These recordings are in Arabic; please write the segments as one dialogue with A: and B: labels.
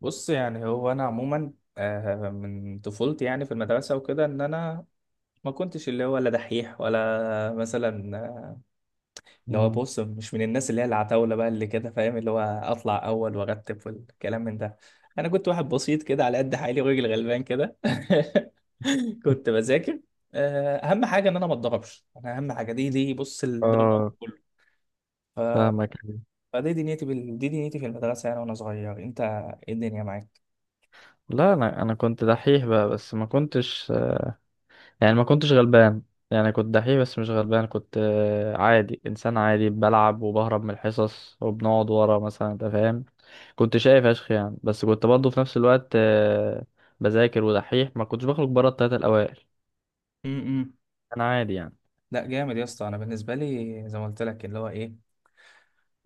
A: بص يعني هو انا عموما، من طفولتي يعني في المدرسه وكده ان انا ما كنتش اللي هو لا دحيح ولا مثلا، اللي هو
B: مم.
A: بص مش من الناس اللي هي العتاوله بقى اللي كده فاهم اللي هو اطلع اول وارتب والكلام من ده. انا كنت واحد بسيط كده على قد حالي وراجل غلبان كده. كنت بذاكر، اهم حاجه ان انا ما اتضربش، انا اهم حاجه دي بص الدرجه
B: اه،
A: كله. ف...
B: فاهمك.
A: دي دنيتي في المدرسه يعني وانا صغير. انت ايه الدنيا
B: لا، انا كنت دحيح بقى بس ما كنتش، يعني ما كنتش غلبان. يعني كنت دحيح بس مش غلبان، كنت عادي، انسان عادي، بلعب وبهرب من الحصص وبنقعد ورا مثلا، انت فاهم. كنت شايف اشخ يعني، بس كنت برضه في نفس الوقت بذاكر ودحيح، ما كنتش بخرج بره التلاتة الاوائل.
A: معاك؟
B: انا عادي يعني.
A: لا جامد يا اسطى، انا بالنسبه لي زي ما قلت لك اللي هو ايه،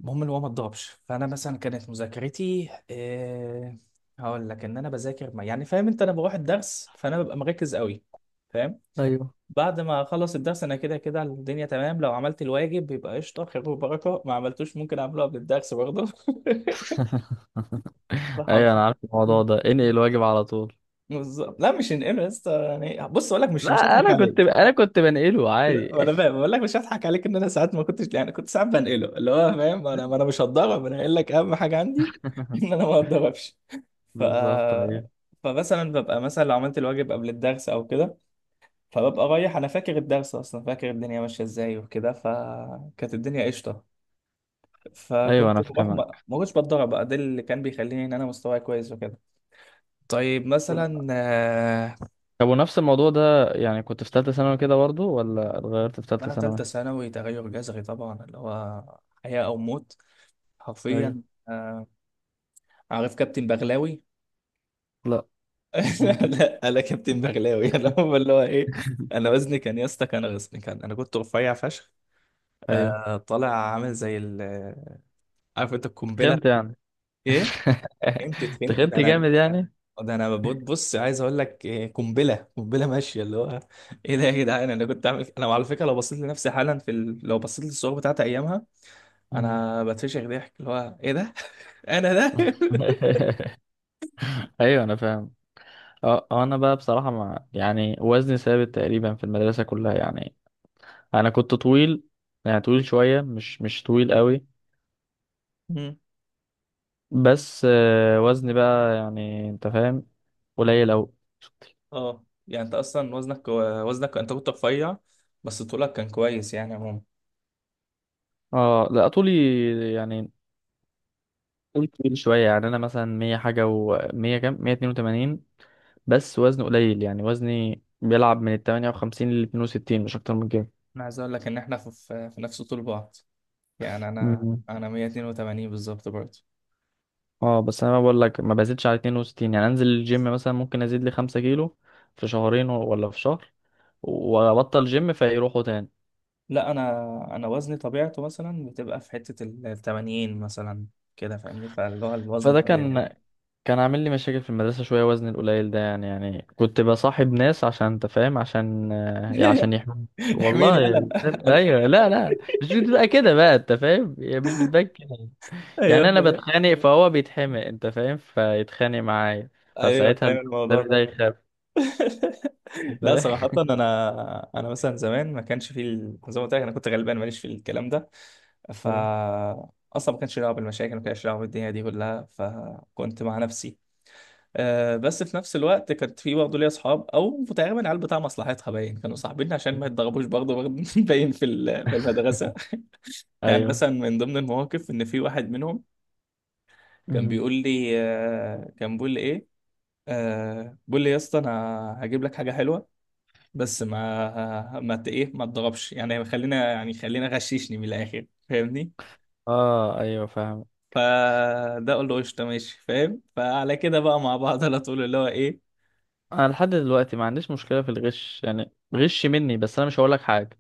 A: المهم اللي هو ما تضربش. فانا مثلا كانت مذاكرتي إيه، هقول لك: ان انا بذاكر ما يعني فاهم انت، انا بروح الدرس فانا ببقى مركز قوي، فاهم.
B: ايوه.
A: بعد ما اخلص الدرس انا كده كده الدنيا تمام، لو عملت الواجب بيبقى قشطه خير وبركه، ما عملتوش ممكن اعمله قبل الدرس برضه.
B: ايوه،
A: فحافظ.
B: انا عارف الموضوع ده، انقل الواجب على طول.
A: بالظبط، لا مش هنقمع يا اسطى. يعني بص اقول لك، مش
B: لا،
A: هضحك
B: انا كنت
A: عليك.
B: انا كنت بنقله عادي.
A: لا، انا فاهم بقول لك مش هضحك عليك، ان انا ساعات ما كنتش يعني كنت ساعات بنقله، اللي هو فاهم انا، ما انا مش هتضرب، انا قايل لك اهم حاجه عندي ان انا ما اتضربش. ف
B: بالظبط. ايوه.
A: فمثلا ببقى مثلا لو عملت الواجب قبل الدرس او كده، فببقى رايح انا فاكر الدرس اصلا، فاكر الدنيا ماشيه ازاي وكده، فكانت الدنيا قشطه.
B: ايوه
A: فكنت
B: انا
A: بروح ما
B: فاهمك.
A: ما كنتش بتضرب بقى، ده اللي كان بيخليني ان انا مستواي كويس وكده. طيب مثلا،
B: طب ونفس الموضوع ده، يعني كنت في ثالثة ثانوي كده برضه، ولا اتغيرت في ثالثة
A: لا، تالتة
B: ثانوي؟
A: ثانوي تغير جذري طبعا اللي هو حياة أو موت
B: ايوه.
A: حرفيا. آه، عارف كابتن بغلاوي؟
B: لا، مين كده؟
A: لا انا كابتن بغلاوي. انا هو اللي هو ايه، انا وزني كان يا اسطى، كان وزني كان، انا كنت رفيع فشخ،
B: ايوه،
A: آه طالع، عامل زي ال، عارف انت القنبله؟
B: تخنت يعني.
A: ايه، فهمت فهمت، ده
B: تخنت
A: انا،
B: جامد يعني.
A: ده انا ببص بص عايز اقول لك قنبله قنبله ماشيه اللي هو ايه ده يا جدعان. انا كنت عامل، انا على فكره لو بصيت لنفسي حالا في لو بصيت للصور بتاعت ايامها
B: مم.
A: انا بتفشخ ضحك، اللي هو ايه ده. انا ده.
B: ايوه انا فاهم. انا بقى بصراحة، مع يعني وزني ثابت تقريبا في المدرسة كلها يعني. انا كنت طويل، يعني طويل شوية، مش طويل قوي. بس وزني بقى، يعني انت فاهم، قليل قوي.
A: اه يعني انت اصلا وزنك وزنك انت كنت رفيع، بس طولك كان كويس يعني عموما.
B: اه لا، طولي يعني وزنه تقيل شوية يعني. أنا مثلا مية حاجة، ومية كام، 182. بس وزني قليل يعني، وزني بيلعب من التمانية وخمسين لاتنين وستين، مش أكتر من كده.
A: انا عايز اقول لك ان احنا في نفس طول بعض، يعني انا
B: مم.
A: انا 182 بالظبط برضه.
B: اه بس أنا بقول لك، ما بزيدش على 62. يعني أنزل الجيم مثلا ممكن أزيد لي 5 كيلو في شهرين، ولا في شهر، وأبطل جيم فيروحوا تاني.
A: لا، انا انا وزني طبيعته مثلا بتبقى في حتة ال 80 مثلا، كده فاهمني، فاللي هو الوزن
B: فده
A: الطبيعي يعني.
B: كان عامل لي مشاكل في المدرسة شوية، وزني القليل ده يعني كنت بصاحب ناس عشان، انت فاهم، عشان يحموني.
A: احميني
B: والله.
A: يلا. أنا-
B: ايوه، لا لا، مش بتبقى كده بقى، انت فاهم، هي مش بتبقى كده.
A: ايوه
B: يعني انا
A: فاهم.
B: بتخانق فهو بيتحمق، انت فاهم، فيتخانق معايا.
A: ايوه
B: فساعتها
A: فاهم الموضوع
B: النبي ده
A: ده.
B: يخاف. أنت
A: لا صراحة، انا انا مثلا زمان ما كانش في زي ما قلت لك انا كنت غلبان ماليش في الكلام ده. ف
B: فاهم؟
A: اصلا ما كانش لي دعوه بالمشاكل، ما كانش لي دعوه بالدنيا دي كلها، فكنت مع نفسي. أه بس في نفس الوقت كانت في برضه ليا اصحاب، او تقريبا العيال بتاع مصلحتها، باين كانوا صاحبين عشان ما يتضربوش برضه باين في في المدرسه. يعني
B: ايوه.
A: مثلا من ضمن المواقف ان في واحد منهم كان
B: مم.
A: بيقول لي أه، كان بيقول لي ايه، أه بيقول لي يا اسطى انا هجيب لك حاجه حلوه، بس ما ما ت- ايه ما تضربش، يعني خلينا يعني خلينا، غششني من الاخر فاهمني.
B: اه، ايوه فاهم.
A: فده قول له قشطه ماشي فاهم، فعلى كده بقى مع بعض على طول اللي هو ايه.
B: انا لحد دلوقتي ما عنديش مشكلة في الغش، يعني غش مني، بس انا مش هقول لك حاجة.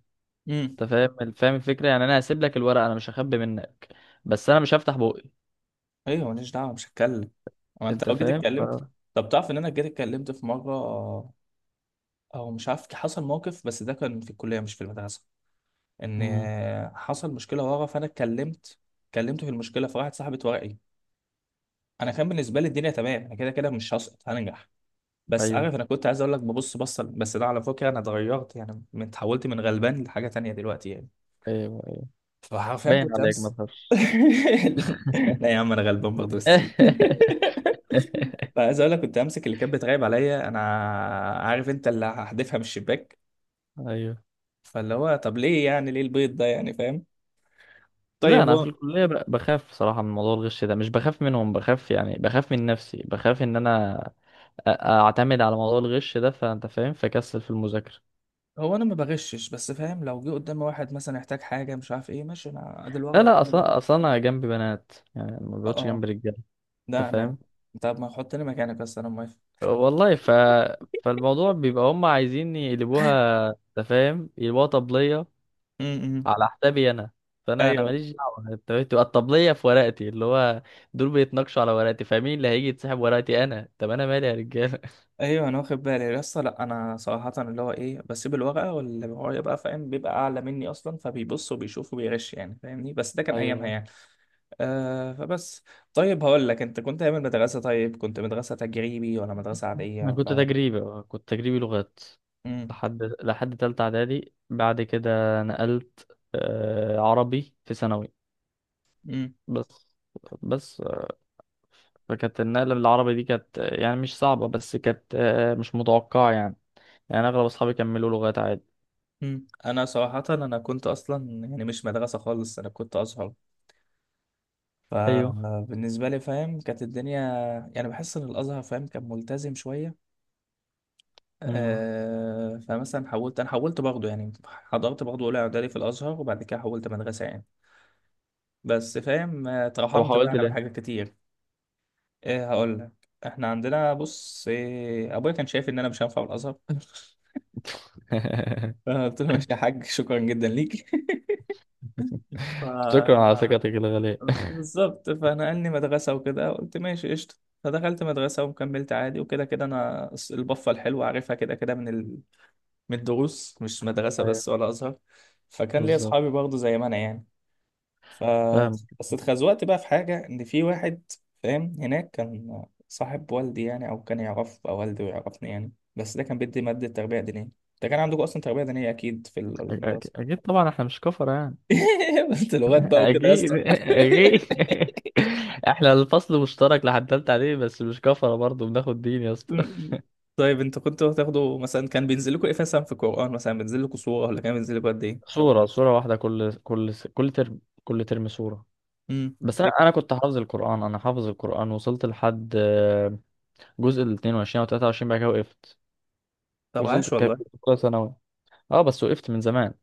A: امم،
B: انت فاهم، فاهم الفكره. يعني انا هسيب لك الورقه، انا مش هخبي منك، بس انا مش هفتح بوقي.
A: ايوه ماليش دعوه مش هتكلم. هو انت
B: انت
A: لو جيت
B: فاهم؟ ف
A: اتكلمت، طب تعرف ان انا جيت اتكلمت في مره؟ او مش عارف حصل موقف، بس ده كان في الكليه مش في المدرسه. ان
B: امم
A: حصل مشكله ورا فانا اتكلمت، اتكلمت في المشكله فراحت صاحبه ورقي. انا كان بالنسبه لي الدنيا تمام، انا كده كده مش هسقط هنجح. بس
B: ايوه
A: عارف، انا كنت عايز اقول لك ببص بصه، بس ده على فكره انا اتغيرت يعني اتحولت من غلبان لحاجه تانية دلوقتي يعني.
B: ايوه ايوه،
A: فحرفيا
B: باين
A: كنت
B: عليك ما
A: امس.
B: تخافش.
A: لا يا عم انا غلبان برضه بس. فعايز اقول لك كنت امسك اللي كانت بتراقب عليا انا، عارف انت، اللي هحدفها من الشباك.
B: ايوه.
A: فاللي هو طب ليه يعني، ليه البيض ده يعني فاهم.
B: لا،
A: طيب
B: انا في
A: هو،
B: الكليه بخاف صراحه من موضوع الغش ده. مش بخاف منهم، بخاف يعني بخاف من نفسي، بخاف ان انا اعتمد على موضوع الغش ده، فانت فاهم، فكسل في المذاكره.
A: هو انا ما بغشش بس فاهم، لو جه قدامي واحد مثلا يحتاج حاجه مش عارف ايه، ماشي انا ادي الورقه
B: لا لا،
A: قدامي.
B: اصلا اصلا انا جنبي بنات، يعني ما
A: اه اه،
B: بقعدش جنب رجاله. انت
A: ده انا،
B: فاهم.
A: طب ما حطني مكانك، بس انا موافق.
B: والله. فالموضوع بيبقى هم عايزين يقلبوها، انت فاهم، يقلبوها طبليه
A: م- م.
B: على حسابي انا. فانا
A: ايوه.
B: ماليش دعوه. انت فاهم؟ تبقى الطبليه في ورقتي، اللي هو دول بيتناقشوا على ورقتي، فمين اللي هيجي يتسحب ورقتي؟ انا طب انا مالي يا رجاله؟
A: ايوه انا واخد بالي لسه. لا انا صراحه اللي هو ايه، بسيب الورقه واللي ورايا بقى فاهم بيبقى اعلى مني اصلا، فبيبص وبيشوف وبيغش يعني فاهمني، بس ده كان ايامها
B: ايوه.
A: يعني. فبس، طيب هقول لك، انت كنت ايام المدرسه طيب كنت مدرسه تجريبي ولا مدرسه عاديه
B: انا كنت
A: ولا؟
B: تجريبي، لغات
A: امم،
B: لحد تالتة اعدادي، بعد كده نقلت عربي في ثانوي.
A: امم،
B: بس بس فكانت النقلة للعربي دي كانت يعني مش صعبة، بس كانت مش متوقعة يعني. يعني اغلب اصحابي كملوا لغات عادي.
A: امم. انا صراحه، انا كنت اصلا يعني مش مدرسه خالص، انا كنت ازهر.
B: ايوه.
A: فبالنسبه لي فاهم كانت الدنيا يعني، بحس ان الازهر فاهم كان ملتزم شويه.
B: امم
A: آه، فمثلا حولت، انا حولت برضه يعني، حضرت برضه اولى اعدادي في الازهر وبعد كده حولت مدرسه يعني. بس فاهم،
B: طب
A: اترحمت بقى
B: حاولت
A: انا من
B: ليه؟
A: حاجات كتير. ايه، هقول لك، احنا عندنا بص إيه، ابويا كان شايف ان انا مش هنفع في الازهر. فانا قلت له ماشي يا حاج شكرا جدا ليك. ف
B: شكرا على ثقتك الغالية.
A: بالظبط. فنقلني مدرسه وكده قلت ماشي قشطه. فدخلت مدرسه وكملت عادي، وكده كده انا البفه الحلوه عارفها كده كده من، من الدروس مش مدرسة
B: ايوه،
A: بس ولا أزهر. فكان ليا
B: بالظبط،
A: أصحابي برضه زي ما أنا يعني. ف
B: فاهم.
A: بس اتخزوقت بقى في حاجة، إن في واحد فاهم هناك كان صاحب والدي يعني، أو كان يعرف أو والدي ويعرفني يعني، بس ده كان بيدي مادة تربية دينية. ده كان عندكم أصلا تربية دينية أكيد في المدرسة.
B: اكيد طبعا، احنا مش كفر يعني.
A: بنت لغات بقى وكده يا اسطى.
B: اكيد اكيد. احنا الفصل مشترك لحد تالتة عليه، بس مش كفرة برضه، بناخد دين يا اسطى.
A: طيب انتوا كنتوا بتاخدوا مثلا، كان بينزل لكم ايه مثلا في القرآن، مثلا بينزل لكم سورة ولا كان بينزل لكم قد ايه؟
B: صورة واحدة، كل ترم، كل ترم صورة.
A: امم.
B: بس انا كنت حافظ القرآن. انا حافظ القرآن، وصلت لحد جزء ال 22 او 23، بعد كده وقفت.
A: طب
B: وصلت
A: عاش والله.
B: كنت في اولى ثانوي. اه بس وقفت من زمان.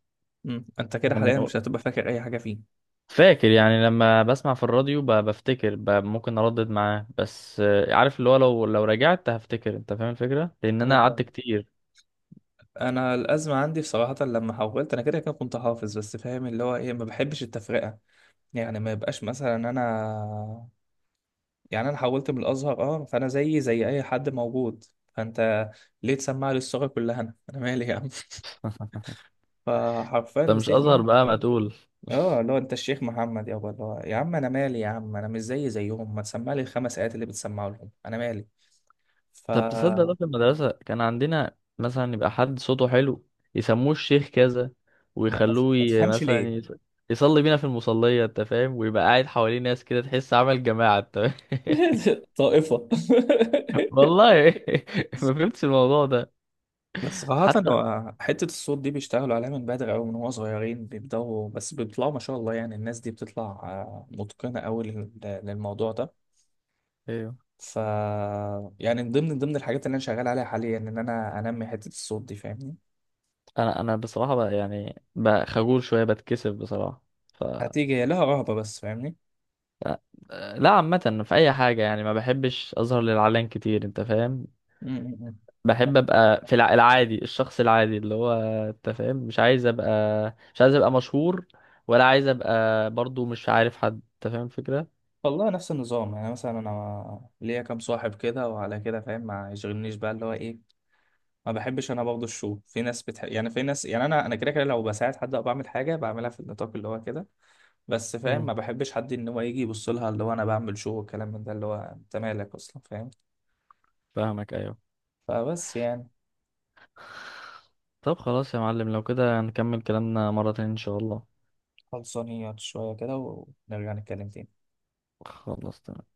A: امم، انت كده
B: انا
A: حاليا مش هتبقى فاكر اي حاجة فيه؟
B: فاكر يعني، لما بسمع في الراديو بفتكر، ممكن اردد معاه. بس عارف اللي هو، لو لو رجعت هفتكر، انت فاهم الفكره، لان
A: أيوة
B: انا قعدت
A: فاهم.
B: كتير.
A: انا الازمه عندي بصراحه لما حولت، انا كده كده كنت حافظ، بس فاهم اللي هو ايه، ما بحبش التفرقه. يعني ما يبقاش مثلا انا، يعني انا حولت من الازهر اه، فانا زي زي اي حد موجود. فانت ليه تسمع لي الصوره كلها، انا انا مالي يا عم؟ فحرفيا
B: انت مش ازهر
A: مسكني.
B: بقى، ما تقول.
A: اه اللي هو انت الشيخ محمد يابا، اللي هو يا عم انا مالي يا عم، انا مش زي زيهم، ما تسمع لي الخمس ايات اللي بتسمعوا لهم، انا مالي. ف
B: طب تصدق، ده
A: ما,
B: في المدرسه كان عندنا مثلا يبقى حد صوته حلو، يسموه الشيخ كذا،
A: ما
B: ويخلوه
A: ما تفهمش
B: مثلا
A: ليه.
B: يصلي بينا في المصليه. انت فاهم، ويبقى قاعد حواليه ناس كده، تحس عمل جماعه، انت فاهم؟
A: طائفه.
B: والله. ما فهمتش الموضوع ده
A: بس صراحة
B: حتى.
A: هو حتة الصوت دي بيشتغلوا عليها من بدري أوي، من هو صغيرين بيبدأوا، بس بيطلعوا ما شاء الله، يعني الناس دي بتطلع، متقنة أوي للموضوع ده. ف يعني من ضمن الحاجات اللي أنا شغال عليها حاليا إن أنا أنمي حتة الصوت دي فاهمني.
B: انا بصراحه بقى يعني بقى خجول شويه، بتكسف بصراحه. ف
A: هتيجي هي لها رهبة بس فاهمني.
B: لا، عامه في اي حاجه يعني ما بحبش اظهر للعلن كتير، انت فاهم.
A: م- م- م.
B: بحب ابقى في العادي، الشخص العادي اللي هو، انت فاهم، مش عايز ابقى مشهور، ولا عايز ابقى برضو مش عارف حد. انت فاهم الفكره.
A: والله نفس النظام، يعني مثلا أنا ليا كام صاحب كده وعلى كده فاهم، ما يشغلنيش بقى اللي هو إيه. ما بحبش أنا برضه الشو، في ناس بتحب يعني، في ناس يعني، أنا أنا كده كده لو بساعد حد أو بعمل حاجة بعملها في النطاق اللي هو كده. بس فاهم
B: امم
A: ما بحبش حد ان هو يجي يبص لها اللي هو انا بعمل شو والكلام من ده اللي هو انت مالك اصلا فاهم.
B: فاهمك. ايوه
A: فبس يعني،
B: طب خلاص يا معلم، لو كده هنكمل كلامنا مره تانية ان شاء الله.
A: خلصانيات شويه كده ونرجع نتكلم تاني.
B: خلاص تمام.